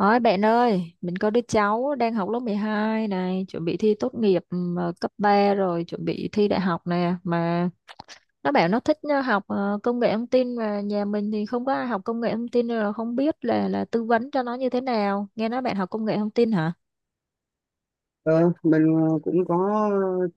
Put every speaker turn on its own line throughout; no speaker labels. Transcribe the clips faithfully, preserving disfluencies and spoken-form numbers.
Ôi bạn ơi, mình có đứa cháu đang học lớp mười hai này, chuẩn bị thi tốt nghiệp ừm, ờ, cấp ba rồi, chuẩn bị thi đại học nè, mà nó bảo nó thích ờ, học ờ, công nghệ thông tin, mà nhà mình thì không có ai học công nghệ thông tin nên là không biết là là tư vấn cho nó như thế nào. Nghe nói bạn học công nghệ thông tin hả?
Ờ, mình ờ, cũng có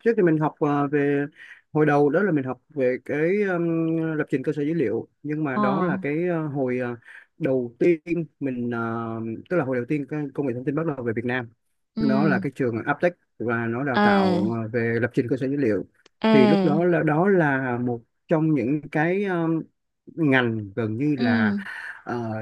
trước thì mình học ờ, về hồi đầu, đó là mình học về cái ừm, lập trình cơ sở dữ liệu, nhưng mà
Ờ.
đó là cái ờ, hồi ờ, đầu tiên mình ờ, tức là hồi đầu tiên cái công nghệ thông tin bắt đầu về Việt Nam, nó
Ừ.
là cái trường Aptech và nó đào
À.
tạo ờ, về lập trình cơ sở dữ liệu. Thì lúc đó
À.
là đó là một trong những cái ngành gần như là
Ừ.
ờ,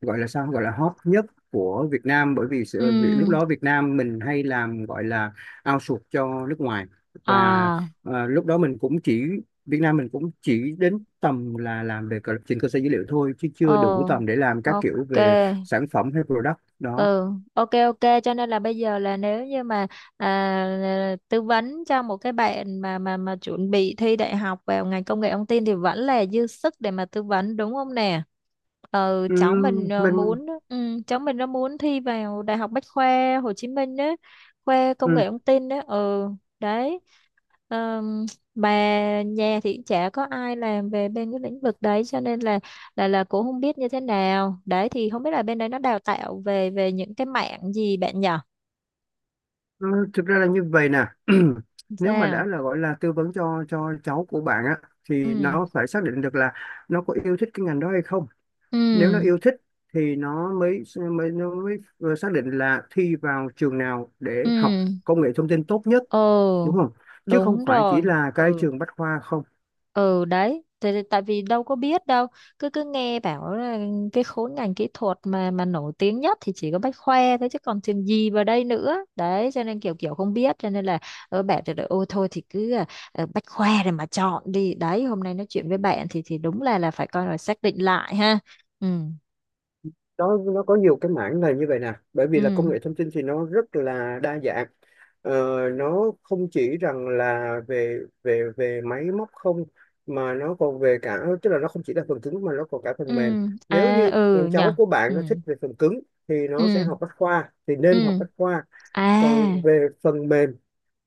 gọi là sao, gọi là hot nhất của Việt Nam, bởi vì sự, vì lúc
Ừ.
đó Việt Nam mình hay làm, gọi là outsource cho nước ngoài. Và
À.
ờ, lúc đó mình cũng chỉ Việt Nam mình cũng chỉ đến tầm là làm về cơ- trên cơ sở dữ liệu thôi, chứ chưa đủ
Ồ.
tầm để làm các kiểu
Ok.
về sản phẩm hay product đó.
Ừ, ok, ok, cho nên là bây giờ là nếu như mà à, tư vấn cho một cái bạn mà mà mà chuẩn bị thi đại học vào ngành công nghệ thông tin thì vẫn là dư sức để mà tư vấn đúng không nè. Ừ, cháu mình
Ừm,
ờ,
mình
muốn ừ, cháu mình nó muốn thi vào đại học Bách khoa Hồ Chí Minh á, khoa công nghệ thông tin đó. Ừ, đấy. Ờm, bà nhà thì chả có ai làm về bên cái lĩnh vực đấy cho nên là là là cũng không biết như thế nào đấy, thì không biết là bên đấy nó đào tạo về về những cái mảng gì bạn nhỉ.
Ờ, Thực ra là như vậy nè. Nếu mà đã
Sao?
là gọi là tư vấn cho cho cháu của bạn á, thì
Ừ.
nó phải xác định được là nó có yêu thích cái ngành đó hay không. Nếu nó
Ừ.
yêu thích thì nó mới mới nó mới vừa xác định là thi vào trường nào để học
Ừ.
công nghệ thông tin tốt nhất,
Ồ.
đúng không? Chứ không
Đúng
phải
rồi.
chỉ là cái
Ừ.
trường Bách Khoa không.
Ừ, đấy. Tại, tại tại vì đâu có biết đâu, cứ cứ nghe bảo là cái khối ngành kỹ thuật mà mà nổi tiếng nhất thì chỉ có Bách Khoa thôi chứ còn trường gì vào đây nữa, đấy cho nên kiểu kiểu không biết cho nên là ở bạn thì ôi thôi thì cứ à, à, Bách Khoa rồi mà chọn đi. Đấy, hôm nay nói chuyện với bạn thì thì đúng là là phải coi là xác định lại ha. Ừ.
Nó nó có nhiều cái mảng là như vậy nè, bởi vì là
Ừ.
công nghệ thông tin thì nó rất là đa dạng. ờ, nó không chỉ rằng là về về về máy móc không, mà nó còn về cả, tức là nó không chỉ là phần cứng mà nó còn cả
Ừ.
phần mềm. Nếu
À.
như
Ừ
con
nhở.
cháu của
Ừ.
bạn nó thích về phần cứng thì
Ừ.
nó sẽ học bách khoa, thì nên học
Ừ.
bách khoa.
À.
Còn về phần mềm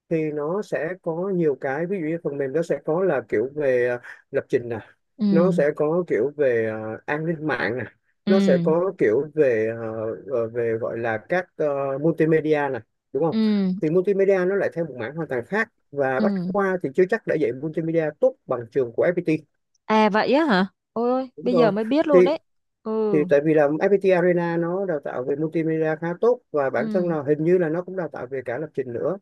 thì nó sẽ có nhiều cái, ví dụ như phần mềm nó sẽ có là kiểu về à, lập trình nè,
Ừ.
nó sẽ có kiểu về à, an ninh mạng nè,
Ừ.
nó sẽ có kiểu về à, ờ, về gọi là các ờ, multimedia nè, đúng không?
Ừ.
Thì multimedia nó lại theo một mảng hoàn toàn khác, và Bách
Ừ.
Khoa thì chưa chắc đã dạy multimedia tốt bằng trường của ép pê tê.
À, vậy á hả? Ôi ôi,
Đúng
bây giờ
rồi.
mới biết luôn
thì
đấy.
thì
Ừ.
tại vì là ép pi ti Arena nó đào tạo về multimedia khá tốt, và bản thân
Ừ.
là hình như là nó cũng đào tạo về cả lập trình nữa.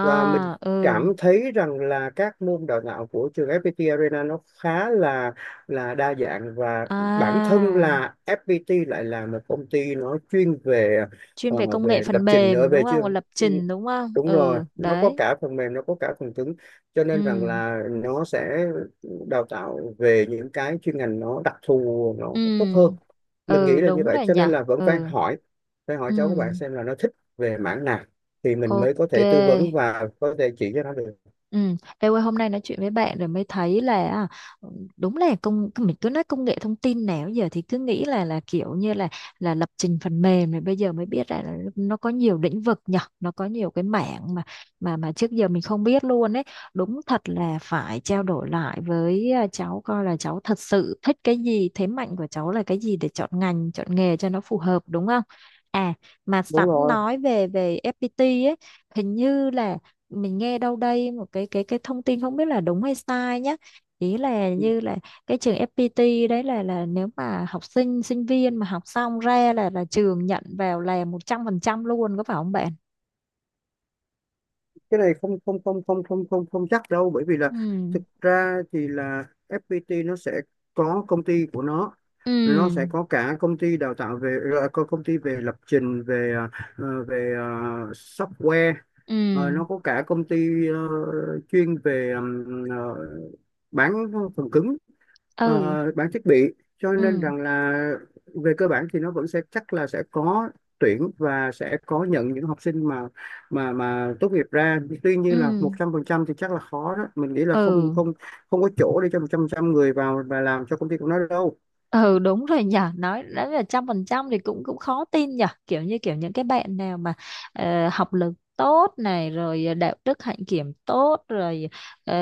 Và mình
ừ.
cảm thấy rằng là các môn đào tạo của trường ép pê tê Arena nó khá là là đa dạng, và bản thân
À,
là ép pi ti lại là một công ty nó chuyên về
chuyên về
ờ,
công nghệ
về lập
phần
trình ở
mềm đúng
về
không?
chưa
Và lập trình đúng không?
đúng rồi.
Ừ,
Nó có
đấy.
cả phần mềm, nó có cả phần cứng, cho nên rằng
Ừ.
là nó sẽ đào tạo về những cái chuyên ngành nó đặc thù nó tốt
Ừ.
hơn. Mình nghĩ
Ừ,
là như
đúng
vậy,
rồi
cho
nhỉ.
nên là vẫn phải
Ừ.
hỏi, phải hỏi
Ừ.
cháu của bạn xem là nó thích về mảng nào thì mình mới có
Ok.
thể tư vấn và có thể chỉ cho nó được.
Ừ, em ơi, hôm nay nói chuyện với bạn rồi mới thấy là à, đúng là công mình cứ nói công nghệ thông tin nào giờ thì cứ nghĩ là là kiểu như là là lập trình phần mềm, rồi bây giờ mới biết ra là nó có nhiều lĩnh vực nhở, nó có nhiều cái mảng mà mà mà trước giờ mình không biết luôn ấy. Đúng thật là phải trao đổi lại với à, cháu coi là cháu thật sự thích cái gì, thế mạnh của cháu là cái gì để chọn ngành chọn nghề cho nó phù hợp đúng không. À, mà sẵn
Đúng rồi.
nói về về ép pê tê ấy, hình như là mình nghe đâu đây một cái cái cái thông tin không biết là đúng hay sai nhé, ý là như là cái trường ép pê tê đấy là là nếu mà học sinh sinh viên mà học xong ra là là trường nhận vào là một trăm phần trăm luôn, có phải không bạn?
Cái này không không không không không không không chắc đâu, bởi vì là
Ừ.
thực ra thì là ép pê tê nó sẽ có công ty của nó. Nó sẽ
Ừ.
có cả công ty đào tạo về ờ, có công ty về lập trình về ờ, về ờ, software.
Ừ.
Ờ, nó có cả công ty ờ, chuyên về ừm, ờ, bán phần cứng,
Ừ.
ờ, bán thiết bị. Cho nên
Ừ.
rằng là về cơ bản thì nó vẫn sẽ, chắc là sẽ có tuyển và sẽ có nhận những học sinh mà mà mà tốt nghiệp ra. Tuy
Ừ.
nhiên là một trăm phần trăm thì chắc là khó đó, mình nghĩ là không
Ừ.
không, không có chỗ để cho một trăm phần trăm người vào và làm cho công ty của nó đâu.
Ừ đúng rồi nhở, nói đó là trăm phần trăm thì cũng cũng khó tin nhở, kiểu như kiểu những cái bạn nào mà ờ, học lực tốt này rồi đạo đức hạnh kiểm tốt rồi ờ,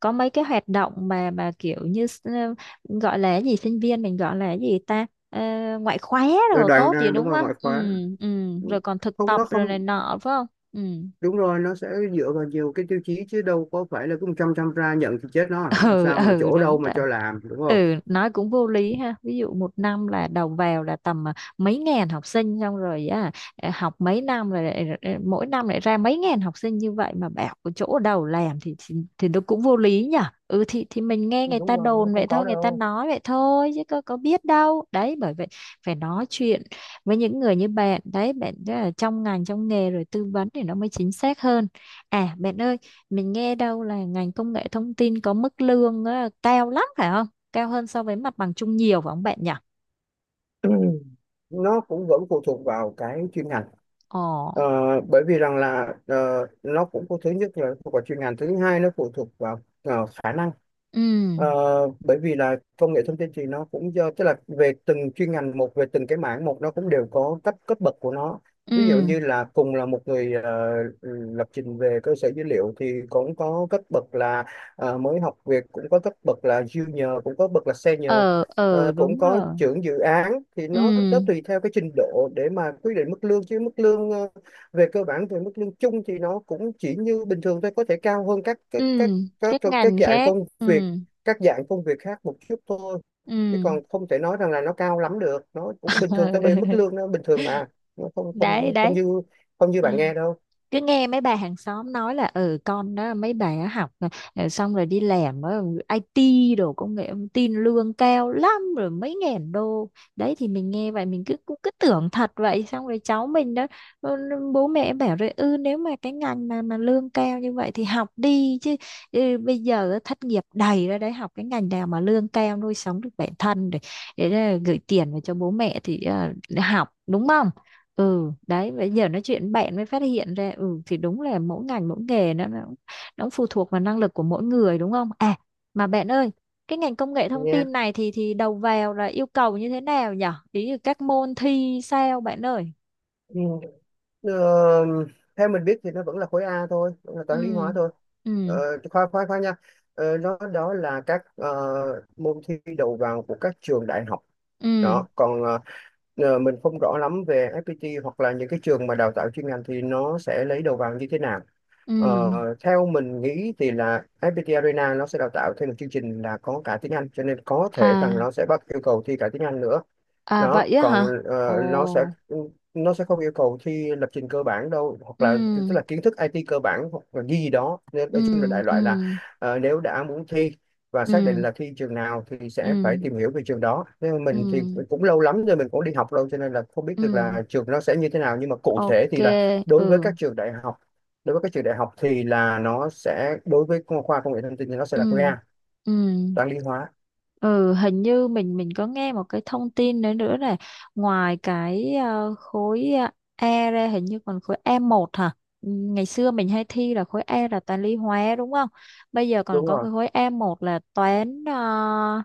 có mấy cái hoạt động mà mà kiểu như s- ờ, gọi là cái gì, sinh viên mình gọi là cái gì ta. Ờ, Ngoại khóa
Rồi
rồi
đoạn
tốt gì
đúng
đúng
rồi,
không.
ngoại
Ừ.
khóa.
Ừ, rồi còn thực
Không,
tập
nó
rồi này
không.
nọ phải không. Ừ.
Đúng rồi, nó sẽ dựa vào nhiều cái tiêu chí, chứ đâu có phải là cứ một trăm phần trăm ra nhận thì chết nó à. Làm
Ừ.
sao mà
Ừ,
chỗ đâu
đúng
mà
rồi.
cho làm, đúng không?
Ừ, nói cũng vô lý ha, ví dụ một năm là đầu vào là tầm à, mấy ngàn học sinh, xong rồi á, à, học mấy năm rồi lại- lại- mỗi năm lại ra mấy ngàn học sinh như vậy mà bảo có chỗ đầu làm thì thì, thì nó cũng vô lý nhở. Ừ, thì thì mình nghe
Ừ,
người
đúng
ta
rồi, nó
đồn
không
vậy
có
thôi, người ta
đâu.
nói vậy thôi chứ có có biết đâu đấy, bởi vậy phải nói chuyện với những người như bạn. Đấy, bạn rất là trong ngành trong nghề rồi tư vấn thì nó mới chính xác hơn. À, bạn ơi, mình nghe đâu là ngành công nghệ thông tin có mức lương á, cao lắm phải không? Cao hơn so với mặt bằng chung nhiều phải không bạn nhỉ?
Nó cũng vẫn phụ thuộc vào cái chuyên ngành.
Ồ.
Ờ, Bởi vì rằng là ờ, nó cũng có, thứ nhất là phụ thuộc vào chuyên ngành, thứ hai nó phụ thuộc vào ờ, khả năng.
Ừ.
Ờ, Bởi vì là công nghệ thông tin thì nó cũng do, tức là về từng chuyên ngành một, về từng cái mảng một, nó cũng đều có cấp cấp bậc của nó.
Ừ.
Ví dụ như là cùng là một người ờ, lập trình về cơ sở dữ liệu thì cũng có cấp bậc là ờ, mới học việc, cũng có cấp bậc là junior, cũng có bậc là senior.
ờ, ờ,
Ờ, cũng
đúng
có
rồi.
trưởng dự án. Thì nó
Ừ.
nó tùy theo cái trình độ để mà quyết định mức lương, chứ mức lương ờ, về cơ bản, về mức lương chung thì nó cũng chỉ như bình thường thôi, có thể cao hơn các các
Ừ,
các các
các
các
ngành
dạng
khác.
công
Ừ.
việc, các dạng công việc khác một chút thôi. Chứ
Ừ.
còn không thể nói rằng là nó cao lắm được, nó cũng bình thường, tới bê mức lương nó bình thường mà. Nó không
Đấy,
không không
đấy.
như không như
Ừ,
bạn nghe đâu
cứ nghe mấy bà hàng xóm nói là ừ con đó mấy bà á học ờ, xong rồi đi làm ở ai ti đồ, công nghệ thông tin lương cao lắm, rồi mấy ngàn đô. Đấy thì mình nghe vậy mình cứ cũng cứ tưởng thật vậy, xong rồi cháu mình đó, ừ, bố mẹ bảo rồi, ừ nếu mà cái ngành mà mà lương cao như vậy thì học đi chứ. Ừ, bây giờ thất nghiệp đầy ra đấy, học cái ngành nào mà lương cao nuôi sống được bản thân để, để ờ, gửi tiền về cho bố mẹ thì ờ, học đúng không. Ừ, đấy bây giờ nói chuyện bạn mới phát hiện ra, ừ thì đúng là mỗi ngành mỗi nghề nó, nó, nó cũng phụ thuộc vào năng lực của mỗi người đúng không. À, mà bạn ơi, cái ngành công nghệ thông
nha.
tin này thì thì đầu vào là yêu cầu như thế nào nhở, ý là các môn thi sao bạn ơi?
Ừ. Ờ, Theo mình biết thì nó vẫn là khối A thôi, vẫn là toán lý
Ừ.
hóa thôi.
Ừ.
Ờ, khoa khoa khoa nha ờ, Nó, đó là các ờ, môn thi đầu vào của các trường đại học.
Ừ.
Đó còn ờ, ờ, mình không rõ lắm về ép pê tê hoặc là những cái trường mà đào tạo chuyên ngành thì nó sẽ lấy đầu vào như thế nào.
Ừ.
Ờ, Theo mình nghĩ thì là ép pi ti Arena nó sẽ đào tạo thêm một chương trình là có cả tiếng Anh, cho nên có thể rằng
À.
nó sẽ bắt yêu cầu thi cả tiếng Anh nữa.
À,
Đó
vậy á
còn
hả? Ồ.
ờ, nó sẽ nó sẽ không yêu cầu thi lập trình cơ bản đâu, hoặc là tức
Ừ.
là kiến thức i tê cơ bản hoặc là gì gì đó, nên
Ừ.
nói chung là đại
Ừ.
loại là ờ, nếu đã muốn thi và xác định
Ừ.
là thi trường nào thì
Ừ.
sẽ phải tìm hiểu về trường đó. Nên
Ừ.
mình thì cũng lâu lắm rồi, mình cũng đi học lâu cho nên là không biết
Ừ.
được là trường nó sẽ như thế nào, nhưng mà cụ thể
Ok.
thì là đối với
Ừ.
các trường đại học, đối với các trường đại học thì là nó sẽ, đối với khoa khoa công nghệ thông tin thì nó sẽ
Ừ.
là khoa,
Ừ.
toán lý hóa.
Ừ, hình như mình mình có nghe một cái thông tin nữa nữa là ngoài cái ờ, khối ờ, E ra, hình như còn khối e một hả? Ừ, ngày xưa mình hay thi là khối E là toán lý hóa đúng không? Bây giờ còn
Đúng
có
rồi,
cái khối e một là toán ờ,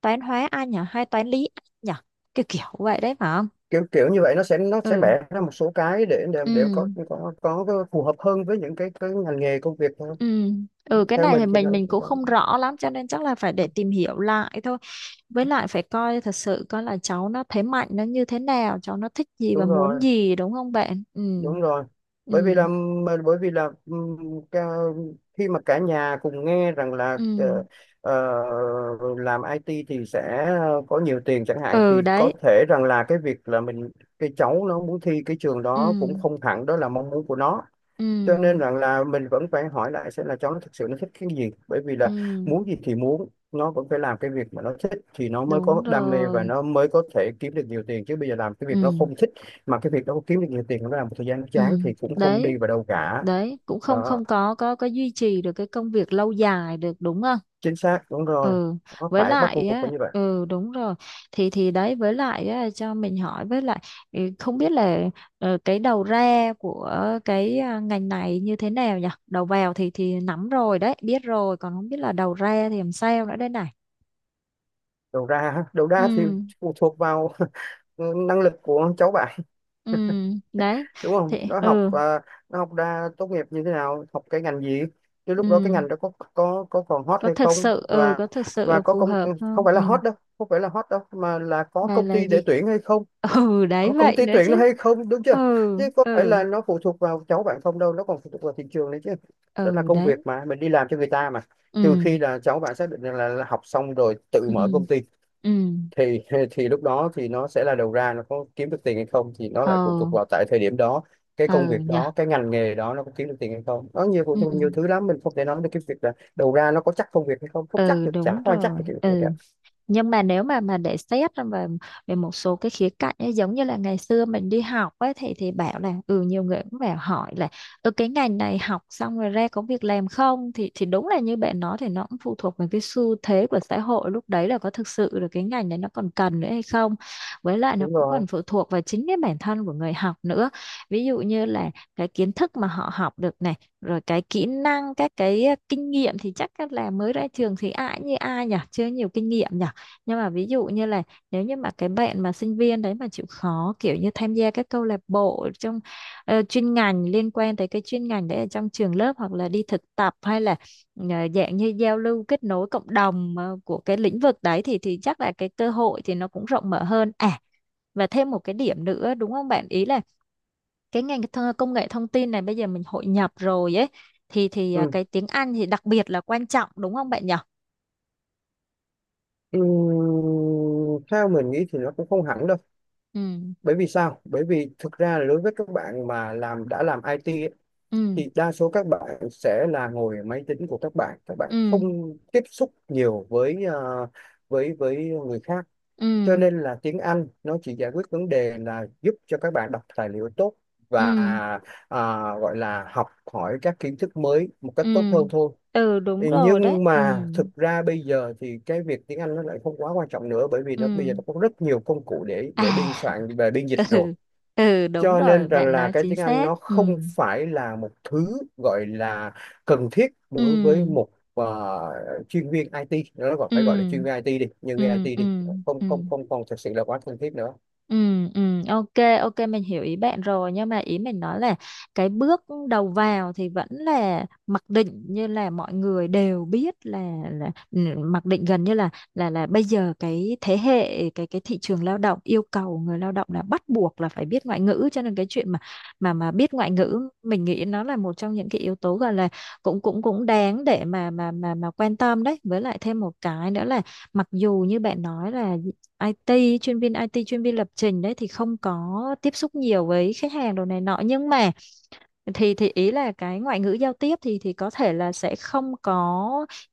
toán hóa Anh nhỉ, hay toán lý Anh nhỉ? Kiểu kiểu vậy đấy phải không?
kiểu kiểu như vậy. Nó sẽ nó sẽ
Ừ.
bẻ ra một số cái để để, để
Ừ.
có có có phù hợp hơn với những cái cái ngành nghề công việc thôi.
Ừ. Ừ, cái
Theo
này thì
mình thì nó,
mình mình cũng không rõ lắm cho nên chắc là phải để tìm hiểu lại thôi, với lại phải coi thật sự coi là cháu nó thế mạnh nó như thế nào, cháu nó thích gì và
đúng
muốn
rồi.
gì đúng không bạn. Ừ.
Đúng rồi.
Ừ.
Bởi vì là bởi vì là ừm, ca- khi mà cả nhà cùng nghe rằng là
Ừ.
ờ, ờ, làm i tê thì sẽ có nhiều tiền chẳng hạn, thì
Ừ,
có
đấy.
thể rằng là cái việc là mình, cái cháu nó muốn thi cái trường
Ừ.
đó cũng không hẳn đó là mong muốn của nó.
Ừ.
Cho nên rằng là mình vẫn phải hỏi lại xem là cháu nó thực sự nó thích cái gì. Bởi vì là
Ừ
muốn gì thì muốn, nó vẫn phải làm cái việc mà nó thích thì nó mới
đúng
có đam mê và
rồi.
nó mới có thể kiếm được nhiều tiền. Chứ bây giờ làm cái việc nó
Ừ.
không thích, mà cái việc nó kiếm được nhiều tiền, nó làm một thời gian nó
Ừ,
chán thì cũng không đi
đấy,
vào đâu cả.
đấy cũng không,
Đó.
không có có có duy trì được cái công việc lâu dài được đúng không.
Chính xác, đúng rồi.
Ừ,
Nó
với
phải bắt
lại
buộc
á
phải như vậy.
ừ đúng rồi, thì thì đấy với lại á, cho mình hỏi với lại, ừ, không biết là ờ, cái đầu ra của cái à, ngành này như thế nào nhỉ, đầu vào thì thì nắm rồi đấy biết rồi, còn không biết là đầu ra thì làm sao nữa đây này.
Đầu ra, đầu ra thì
Ừ.
phụ thuộc vào năng lực của cháu bạn,
Ừ, đấy
đúng không?
thì
Nó học
ừ.
à, nó học ra tốt nghiệp như thế nào, học cái ngành gì. Chứ
Ừ,
lúc đó cái ngành đó có có có còn hot
có
hay
thực
không.
sự, ừ
Và
có thực
và
sự
có
phù
công
hợp
không
không.
phải
Ừ,
là hot đâu, không phải là hot đâu mà là có
mà
công
là
ty để
gì.
tuyển hay không.
Ừ đấy
Có công
vậy
ty
nữa
tuyển nó
chứ.
hay không, đúng chưa?
Ừ.
Chứ có phải
Ừ.
là nó phụ thuộc vào cháu bạn không đâu, nó còn phụ thuộc vào thị trường đấy chứ. Đó là
Ừ,
công việc
đấy.
mà mình đi làm cho người ta mà.
Ừ.
Trừ khi là cháu bạn xác định rằng là, là học xong rồi tự
Ừ.
mở công ty,
Ừ.
thì thì lúc đó thì nó sẽ là đầu ra nó có kiếm được tiền hay không thì nó lại phụ thuộc
Ừ.
vào tại thời điểm đó, cái công
Ừ
việc
nhỉ.
đó, cái ngành nghề đó nó có kiếm được tiền hay không. Nó nhiều phụ
Ừ.
thuộc nhiều thứ lắm, mình không thể nói được cái việc là đầu ra nó có chắc công việc hay không, không chắc
Ừ,
được, chả
đúng
có ai chắc
rồi.
được cái việc này
Ừ,
cả.
nhưng mà nếu mà mà để xét về về một số cái khía cạnh ấy, giống như là ngày xưa mình đi học ấy thì thì bảo là ừ nhiều người cũng bảo hỏi là ừ cái ngành này học xong rồi ra có việc làm không, thì thì đúng là như bạn nói thì nó cũng phụ thuộc vào cái xu thế của xã hội lúc đấy, là có thực sự là cái ngành đấy nó còn cần nữa hay không, với lại nó
Đúng
cũng
rồi.
còn phụ thuộc vào chính cái bản thân của người học nữa. Ví dụ như là cái kiến thức mà họ học được này, rồi cái kỹ năng, các cái ờ, kinh nghiệm, thì chắc là mới ra trường thì ai như ai nhỉ, chưa nhiều kinh nghiệm nhỉ. Nhưng mà ví dụ như là nếu như mà cái bạn mà sinh viên đấy mà chịu khó kiểu như tham gia các câu lạc bộ trong ờ, chuyên ngành liên quan tới cái chuyên ngành đấy ở trong trường lớp, hoặc là đi thực tập, hay là ờ, dạng như giao lưu kết nối cộng đồng ờ, của cái lĩnh vực đấy, thì thì chắc là cái cơ hội thì nó cũng rộng mở hơn. À, và thêm một cái điểm nữa đúng không bạn, ý là cái ngành th- công nghệ thông tin này bây giờ mình hội nhập rồi ấy, thì thì ờ,
Ừ.
cái tiếng Anh thì đặc biệt là quan trọng đúng không bạn nhỉ?
Ừ. Theo mình nghĩ thì nó cũng không hẳn đâu.
Ừ.
Bởi vì sao? Bởi vì thực ra là đối với các bạn mà làm đã làm i tê ấy,
Ừ.
thì đa số các bạn sẽ là ngồi ở máy tính của các bạn, các bạn
Ừ.
không tiếp xúc nhiều với ờ, với với người khác.
Ừ.
Cho nên là tiếng Anh nó chỉ giải quyết vấn đề là giúp cho các bạn đọc tài liệu tốt
Ừ.
và à, gọi là học hỏi các kiến thức mới một cách tốt
Ừ.
hơn thôi.
Ừ, đúng
Ừ,
rồi đấy.
nhưng
Ừ.
mà thực ra bây giờ thì cái việc tiếng Anh nó lại không quá quan trọng nữa, bởi vì
Ừ.
nó bây giờ nó có rất nhiều công cụ để
À.
để biên soạn về biên dịch rồi.
Ừ. Ừ, đúng
Cho
rồi
nên rằng
bạn
là
nói
cái
chính
tiếng Anh
xác.
nó
Ừ.
không phải là một thứ gọi là cần thiết đối với
Ừ.
một ờ, chuyên viên ai ti, nó gọi, phải gọi là chuyên viên
Ừ.
ai ti đi, nhân viên
Ừ.
ai ti đi.
Ừ. Ừ.
Không không Không còn thực sự là quá cần thiết nữa.
Ừ, ừ, ok, ok mình hiểu ý bạn rồi, nhưng mà ý mình nói là cái bước đầu vào thì vẫn là mặc định như là mọi người đều biết là là ừ, mặc định gần như là là là bây giờ cái thế hệ cái cái thị trường lao động yêu cầu người lao động là bắt buộc là phải biết ngoại ngữ, cho nên cái chuyện mà mà mà biết ngoại ngữ mình nghĩ nó là một trong những cái yếu tố gọi là cũng cũng cũng đáng để mà mà mà mà quan tâm đấy. Với lại thêm một cái nữa là, mặc dù như bạn nói là i tê, chuyên viên ai ti, chuyên viên lập trình đấy thì không có tiếp xúc nhiều với khách hàng đồ này nọ, nhưng mà thì thì ý là cái ngoại ngữ giao tiếp thì thì có thể là sẽ không có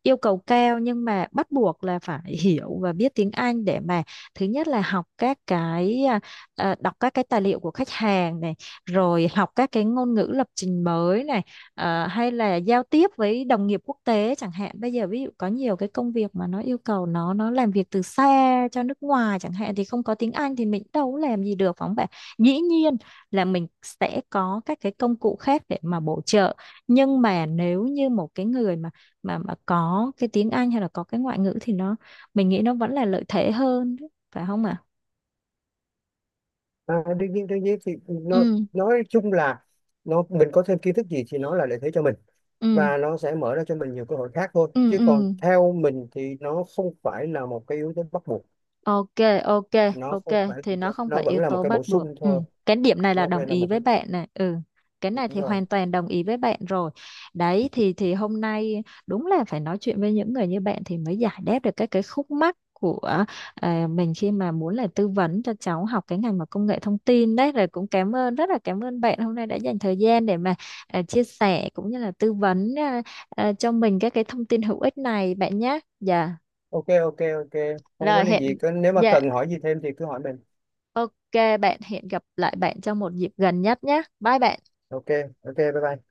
yêu cầu cao, nhưng mà bắt buộc là phải hiểu và biết tiếng Anh để mà, thứ nhất là học các cái à, à, đọc các cái tài liệu của khách hàng này, rồi học các cái ngôn ngữ lập trình mới này, à, hay là giao tiếp với đồng nghiệp quốc tế chẳng hạn, bây giờ ví dụ có nhiều cái công việc mà nó yêu cầu nó, nó làm việc từ xa cho nước ngoài chẳng hạn, thì không có tiếng Anh thì mình đâu có làm gì được phải không bạn. Dĩ nhiên là mình sẽ có các cái công cụ khác để mà bổ trợ, nhưng mà nếu như một cái người mà mà mà có cái tiếng Anh hay là có cái ngoại ngữ thì nó, mình nghĩ nó vẫn là lợi thế hơn phải không ạ.
à, Đương nhiên, đương nhiên thì nó,
Ừ.
nói chung là nó, mình có thêm kiến thức gì thì nó là lợi thế cho mình,
Ừ.
và nó sẽ mở ra cho mình nhiều cơ hội khác thôi.
Ừ.
Chứ còn
Ừ.
theo mình thì nó không phải là một cái yếu tố bắt buộc.
Ok, ok,
Nó
ok
không phải,
thì nó không
nó
phải
vẫn
yếu
là một
tố
cái
bắt
bổ
buộc.
sung
Ừ,
thôi.
cái điểm này là
Nó
đồng
phải là
ý
một
với
cái bổ
bạn này. Ừ. Cái này
sung
thì
thôi.
hoàn toàn đồng ý với bạn rồi. Đấy thì thì hôm nay đúng là phải nói chuyện với những người như bạn thì mới giải đáp được các cái khúc mắc của à, mình khi mà muốn là tư vấn cho cháu học cái ngành mà công nghệ thông tin đấy, rồi cũng cảm ơn, rất là cảm ơn bạn hôm nay đã dành thời gian để mà à, chia sẻ cũng như là tư vấn à, à, cho mình các cái thông tin hữu ích này bạn nhé. Dạ.
OK, OK, OK, không có
Rồi
vấn đề
hẹn,
gì, cứ nếu mà
dạ,
cần hỏi gì thêm thì cứ hỏi mình.
ok, bạn hẹn gặp lại bạn trong một dịp gần nhất nhé. Bye bạn.
OK, OK, bye bye.